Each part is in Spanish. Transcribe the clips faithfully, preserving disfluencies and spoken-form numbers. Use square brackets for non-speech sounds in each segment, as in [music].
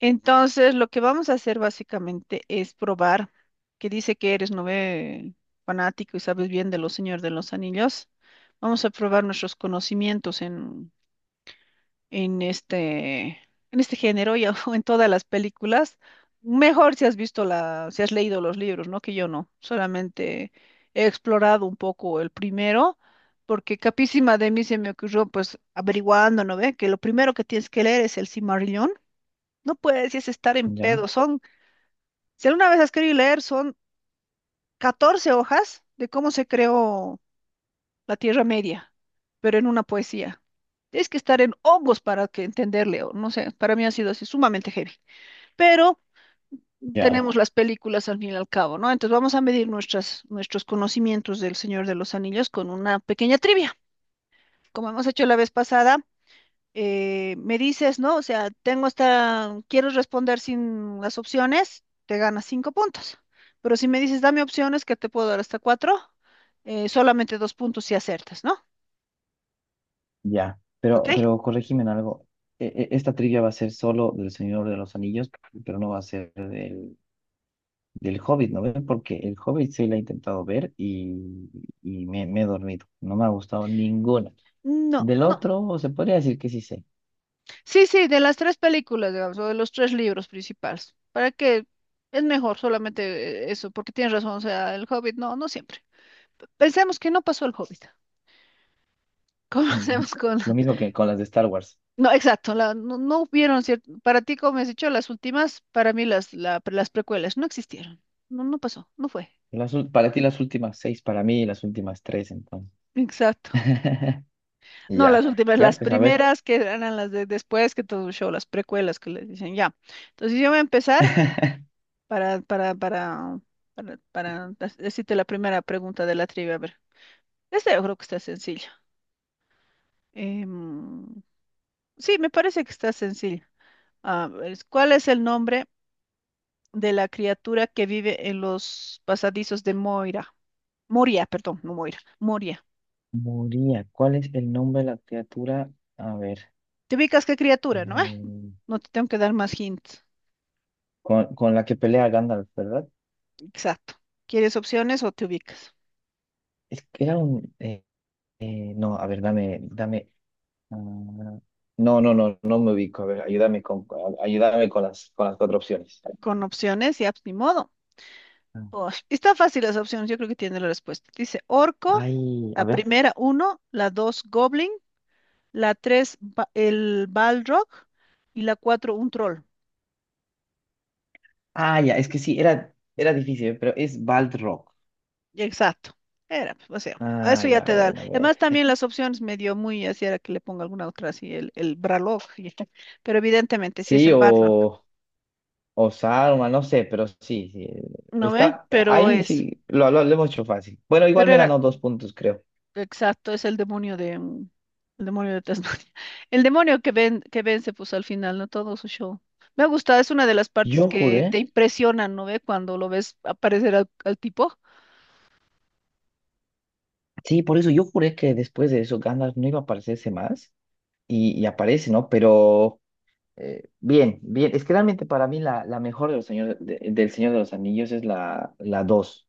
Entonces, lo que vamos a hacer básicamente es probar, que dice que eres nove fanático y sabes bien de los Señor de los Anillos. Vamos a probar nuestros conocimientos en, en este, en este género y [laughs] o en todas las películas. Mejor si has visto la, si has leído los libros, ¿no? Que yo no. Solamente he explorado un poco el primero, porque capísima de mí se me ocurrió, pues, averiguando, ¿no ve? Que lo primero que tienes que leer es el Silmarillion no puedes, y es estar en Ya, pedo. Son, si alguna vez has querido leer, son catorce hojas de cómo se creó la Tierra Media, pero en una poesía. Tienes que estar en hongos para que entenderle, o no sé, para mí ha sido así sumamente heavy. Pero ya, tenemos las películas al fin y al cabo, ¿no? Entonces vamos a medir nuestras, nuestros conocimientos del Señor de los Anillos con una pequeña trivia, como hemos hecho la vez pasada, eh, me dices, ¿no? O sea, tengo esta, quiero responder sin las opciones, te ganas cinco puntos. Pero si me dices, dame opciones, que te puedo dar hasta cuatro, eh, solamente dos puntos si acertas, ¿no? ya. ¿Ok? Pero, pero corrígeme en algo. E- e- Esta trivia va a ser solo del Señor de los Anillos, pero no va a ser del, del Hobbit, ¿no ven? Porque el Hobbit sí la he intentado ver y, y me, me he dormido. No me ha gustado ninguna. No, Del no. otro, se podría decir que sí sé. Sí, sí, de las tres películas, digamos, o de los tres libros principales. ¿Para que es mejor solamente eh, eso, porque tienes razón, o sea, el Hobbit, no, no siempre. Pensemos que no pasó el Hobbit. [laughs] [laughs] Ujú. Comencemos con Lo mismo que con las de Star Wars. no, exacto, la- no, no hubieron, cierto, para ti, como me has dicho, las últimas, para mí las, la- las precuelas no existieron, no, no pasó, no fue. Las ul- para ti las últimas seis, para mí las últimas tres, entonces. Exacto. [laughs] No, las Ya, últimas, ya, las [laughs] pues a ver. primeras que eran las de después que todo el show, las precuelas que les dicen ya. Entonces yo voy a empezar [laughs] para, para, para, para, para dec- decirte la primera pregunta de la trivia. A ver, esta yo creo que está sencilla. Em, sí, me parece que está sencilla. A ver, ¿cuál es el nombre de la criatura que vive en los pasadizos de Moira? Moria, perdón, no Moira, Moria. Moría, ¿cuál es el nombre de la criatura? A ver. ¿Te ubicas qué criatura, eh, no? Eh, no te tengo que dar más hints. con, con la que pelea Gandalf, ¿verdad? Exacto. ¿Quieres opciones o te ubicas? Es que era un... eh, eh, no, a ver, dame, dame... Ah, no, no, no, no me ubico. A ver, ayúdame con, ayúdame con las, con las cuatro opciones. Con opciones, ya, pues, ni modo. Ah, Oh, está fácil las opciones, yo creo que tiene la respuesta. Dice orco, ay, la a ver. primera uno, la dos goblin, la tres ba- el balrog y la cuatro un troll. Ah, ya, es que sí, era, era difícil, ¿eh? Pero es Balrog. Exacto. Era, pues, o sea, a ah, Ah, eso ya ya, te da. bueno, a ver. Además, también las opciones me dio muy así, era que le ponga alguna otra así, el, el Bralog, y- [laughs] pero evidentemente sí es Sí, el Barlog, o, o Saruman, no sé, pero sí, sí. ¿no ve? Está, Pero ahí es, sí, lo, lo, lo hemos hecho fácil. Bueno, igual pero me ganó era, dos puntos, creo. exacto, es el demonio de, mm, el demonio de Tasmania. [laughs] El demonio que ven, que vence, pues al final, ¿no? Todo su show. Me ha gustado, es una de las partes Yo que te juré. impresionan, ¿no ve? Cuando lo ves aparecer al, al tipo. Sí, por eso yo juré que después de eso Gandalf no iba a aparecerse más y, y aparece, ¿no? Pero eh, bien, bien, es que realmente para mí la, la mejor de los señor, de- del Señor de los Anillos es la, la dos,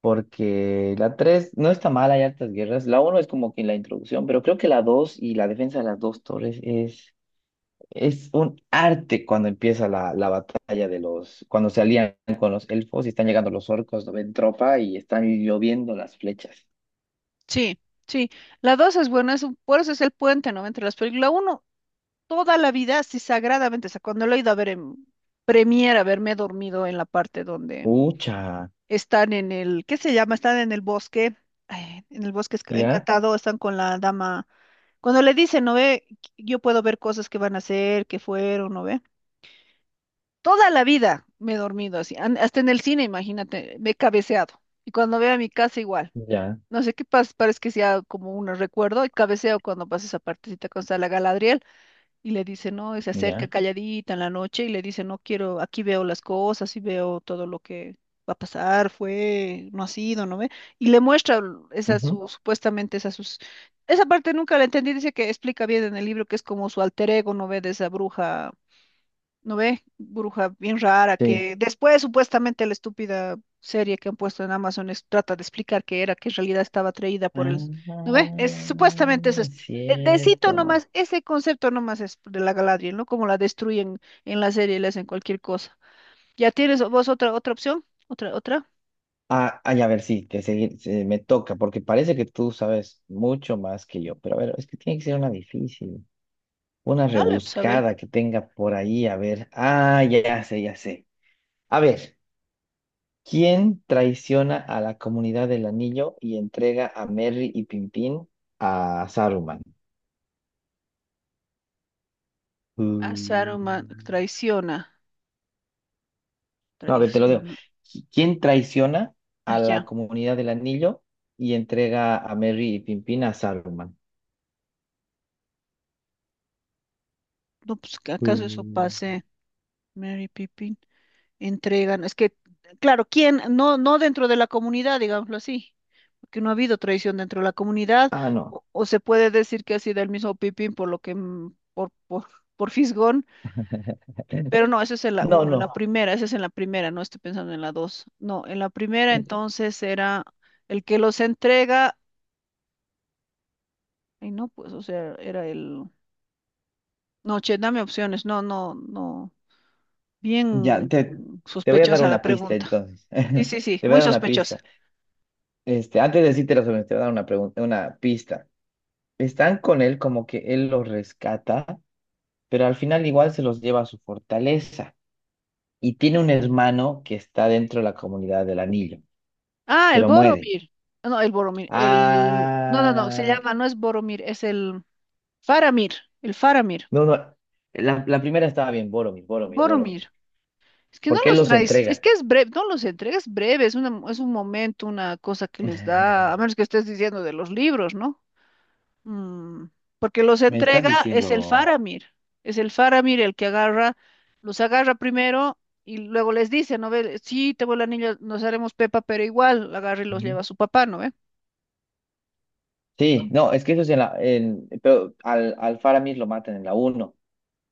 porque la tres no está mal, hay hartas guerras, la uno es como que la introducción, pero creo que la dos y la defensa de las dos torres es, es un arte cuando empieza la, la batalla de los, cuando se alían con los elfos y están llegando los orcos, no ven tropa y están lloviendo las flechas. Sí, sí. La dos es buena, es un- por eso es el puente, ¿no? Entre las películas. La uno toda la vida, así sagradamente, o sea, cuando lo he ido a ver en Premiere, haberme dormido en la parte donde Ucha. están en el, ¿qué se llama? Están en el bosque, ay, en el bosque esc- ¿Ya? encantado, están con la dama. Cuando le dicen, ¿no ve? Yo puedo ver cosas que van a hacer, que fueron, ¿no ve? Toda la vida me he dormido así, an- hasta en el cine, imagínate, me he cabeceado. Y cuando veo a mi casa igual. Ya, No sé qué pasa, parece que sea como un recuerdo y cabeceo cuando pasa esa partecita con está la Galadriel y le dice, no, y se ya. acerca calladita en la noche y le dice, no quiero, aquí veo las cosas y veo todo lo que va a pasar, fue, no ha sido, ¿no ve? Y le muestra esa Ujú. su, supuestamente esa sus, esa parte nunca la entendí, dice que explica bien en el libro que es como su alter ego, ¿no ve? De esa bruja. ¿No ve? Bruja bien rara Sí. que después supuestamente la estúpida serie que han puesto en Amazon es- trata de explicar qué era, que en realidad estaba atraída por el... ¿No Ah, ve? Es, supuestamente es... est- eh, decito cierto. nomás, ese concepto nomás es de la Galadriel, ¿no? Como la destruyen en la serie y le hacen cualquier cosa. ¿Ya tienes vos otra, otra opción? ¿Otra, otra? Ah, ay, a ver, sí, te seguir, se- me toca, porque parece que tú sabes mucho más que yo, pero a ver, es que tiene que ser una difícil, una Dale, pues a ver. rebuscada que tenga por ahí, a ver. Ah, ya, ya sé, ya sé. A ver, ¿quién traiciona a la comunidad del anillo y entrega a Merry y Pimpín a Saruman? A Mm. Saruman traiciona, No, a ver, te lo digo. traiciona. ¿Quién traiciona Ah, a la ya. comunidad del anillo y entrega a Merry y Pimpín a Saruman? No, pues que acaso eso Mm. pase. Mary Pippin. Entregan, es que, claro, ¿quién? No, no dentro de la comunidad, digámoslo así, porque no ha habido traición dentro de la comunidad, Ah, no. o, o se puede decir que ha sido el mismo Pipín por lo que, mm, por, por, [laughs] por fisgón, pero no, esa es en la No, uno, en la no. primera, esa es en la primera, no estoy pensando en la dos, no, en la primera entonces era el que los entrega, y no, pues, o sea, era el, no, che, dame opciones, no, no, no, Ya, bien, te, mm, te voy a dar sospechosa la una pista pregunta, entonces. sí, [laughs] sí, sí, Te voy a muy dar una sospechosa. pista. Este, antes de decirte las opciones, te voy a dar una pregunta, una pista. Están con él como que él los rescata, pero al final igual se los lleva a su fortaleza. Y tiene un hermano que está dentro de la comunidad del anillo, Ah, el pero muere. Boromir. Ah, no, el Boromir. El... No, no, no, se Ah. llama, no es Boromir, es el Faramir. El Faramir. No, no. La, la primera estaba bien, Boromir, Boromir, Boromir. Boromir. Es que no ¿Por qué los los traes, es entrega? que es breve, no los entregas breve, es, una, es un momento, una cosa que les [laughs] da, a menos que estés diciendo de los libros, ¿no? Mm, porque los Me estás entrega es el diciendo. Faramir. Es el Faramir el que agarra, los agarra primero y luego les dice, ¿no ve? Sí, te voy el anillo, nos haremos Pepa, pero igual agarra y los Ujú. lleva a su papá, ¿no ve? Sí, no, es que eso es en la. en- pero al, al Faramir lo matan en la uno,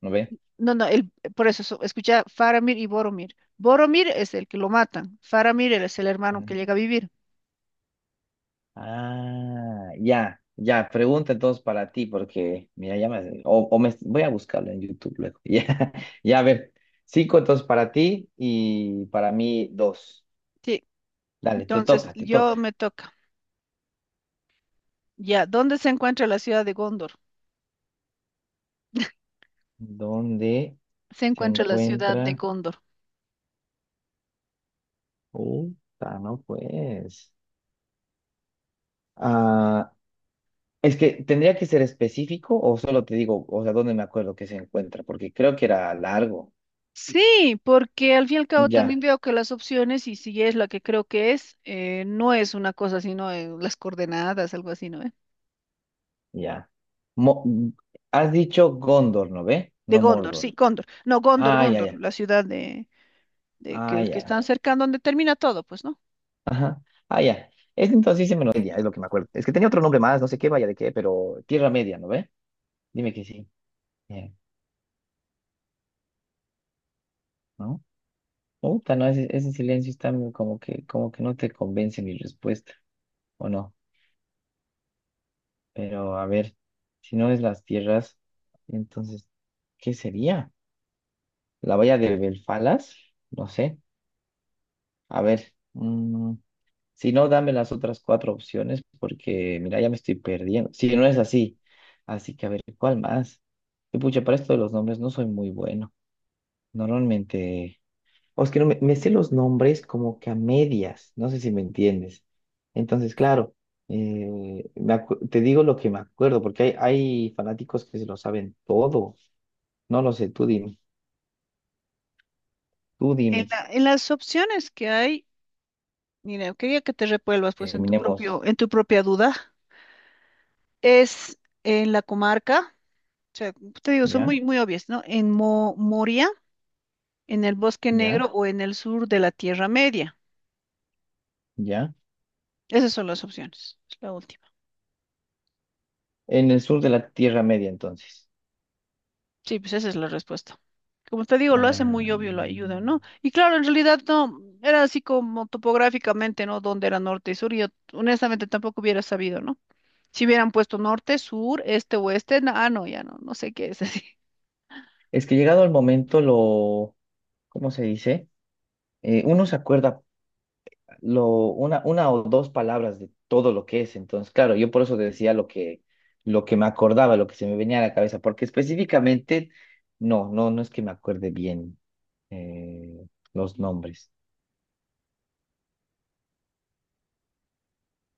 ¿no ve? No, no, el, por eso, so- escucha, Faramir y Boromir. Boromir es el que lo matan, Faramir es el hermano que Ujú. llega a vivir. Ah, ya, ya. Pregunta entonces para ti, porque mira, ya me. O, o me voy a buscarlo en YouTube luego. [laughs] Ya, ya, a ver. Cinco entonces para ti y para mí dos. Sí. Dale, te Entonces, toca, te yo toca. me toca. Ya, ¿dónde se encuentra la ciudad de Gondor? ¿Dónde Se se encuentra la ciudad de encuentra? Gondor. Puta, no pues. Ah, es que tendría que ser específico o solo te digo, o sea, dónde me acuerdo que se encuentra, porque creo que era largo. Sí, porque al fin y al cabo también Ya, veo que las opciones, y si es la que creo que es, eh, no es una cosa, sino eh, las coordenadas, algo así, ¿no? ¿Eh? ya. Mo- Has dicho Gondor, ¿no ve? De No Gondor, Mordor. sí, Gondor. No, Gondor, Ah, ya, Gondor, ya. la ciudad de, de Ah, que, que ya. están cerca, donde termina todo, pues, ¿no? Ajá. Ah, ya. Es entonces sí me lo ya, es lo que me acuerdo. Es que tenía otro nombre más, no sé qué vaya de qué, pero Tierra Media, ¿no ve? Dime que sí. Bien, ¿no? Puta, no, ese, ese silencio está como que, como que no te convence mi respuesta, ¿o no? Pero a ver, si no es las tierras, entonces, ¿qué sería? ¿La valla de Belfalas? No sé. A ver, mm, si no, dame las otras cuatro opciones porque, mira, ya me estoy perdiendo. Si no es así. Así que, a ver, ¿cuál más? Y pucha, para esto de los nombres no soy muy bueno. Normalmente. O es que no me, me sé los nombres como que a medias, no sé si me entiendes. Entonces, claro, eh, me acu- te digo lo que me acuerdo, porque hay, hay fanáticos que se lo saben todo. No lo sé, tú dime, tú En dime. la- en las opciones que hay. Mira, quería que te revuelvas pues en tu propio, Terminemos. en tu propia duda. Es en la comarca, o sea, te digo, son ¿Ya? muy, muy obvias, ¿no? En Mo- Moria, en el Bosque Negro ¿Ya? o en el sur de la Tierra Media. ¿Ya? Esas son las opciones. Es la última. En el sur de la Tierra Media, entonces. Sí, pues esa es la respuesta. Como te digo, lo hace muy Ah, obvio, lo ayuda, ¿no? Y claro, en realidad no, era así como topográficamente, ¿no? Donde era norte y sur, y yo honestamente tampoco hubiera sabido, ¿no? Si hubieran puesto norte, sur, este, oeste, na- ah, no, ya no, no sé qué es así. es que llegado el momento, lo, ¿cómo se dice? Eh, uno se acuerda lo, una, una o dos palabras de todo lo que es. Entonces, claro, yo por eso te decía lo que, lo que me acordaba, lo que se me venía a la cabeza, porque específicamente, no, no, no es que me acuerde bien eh, los nombres.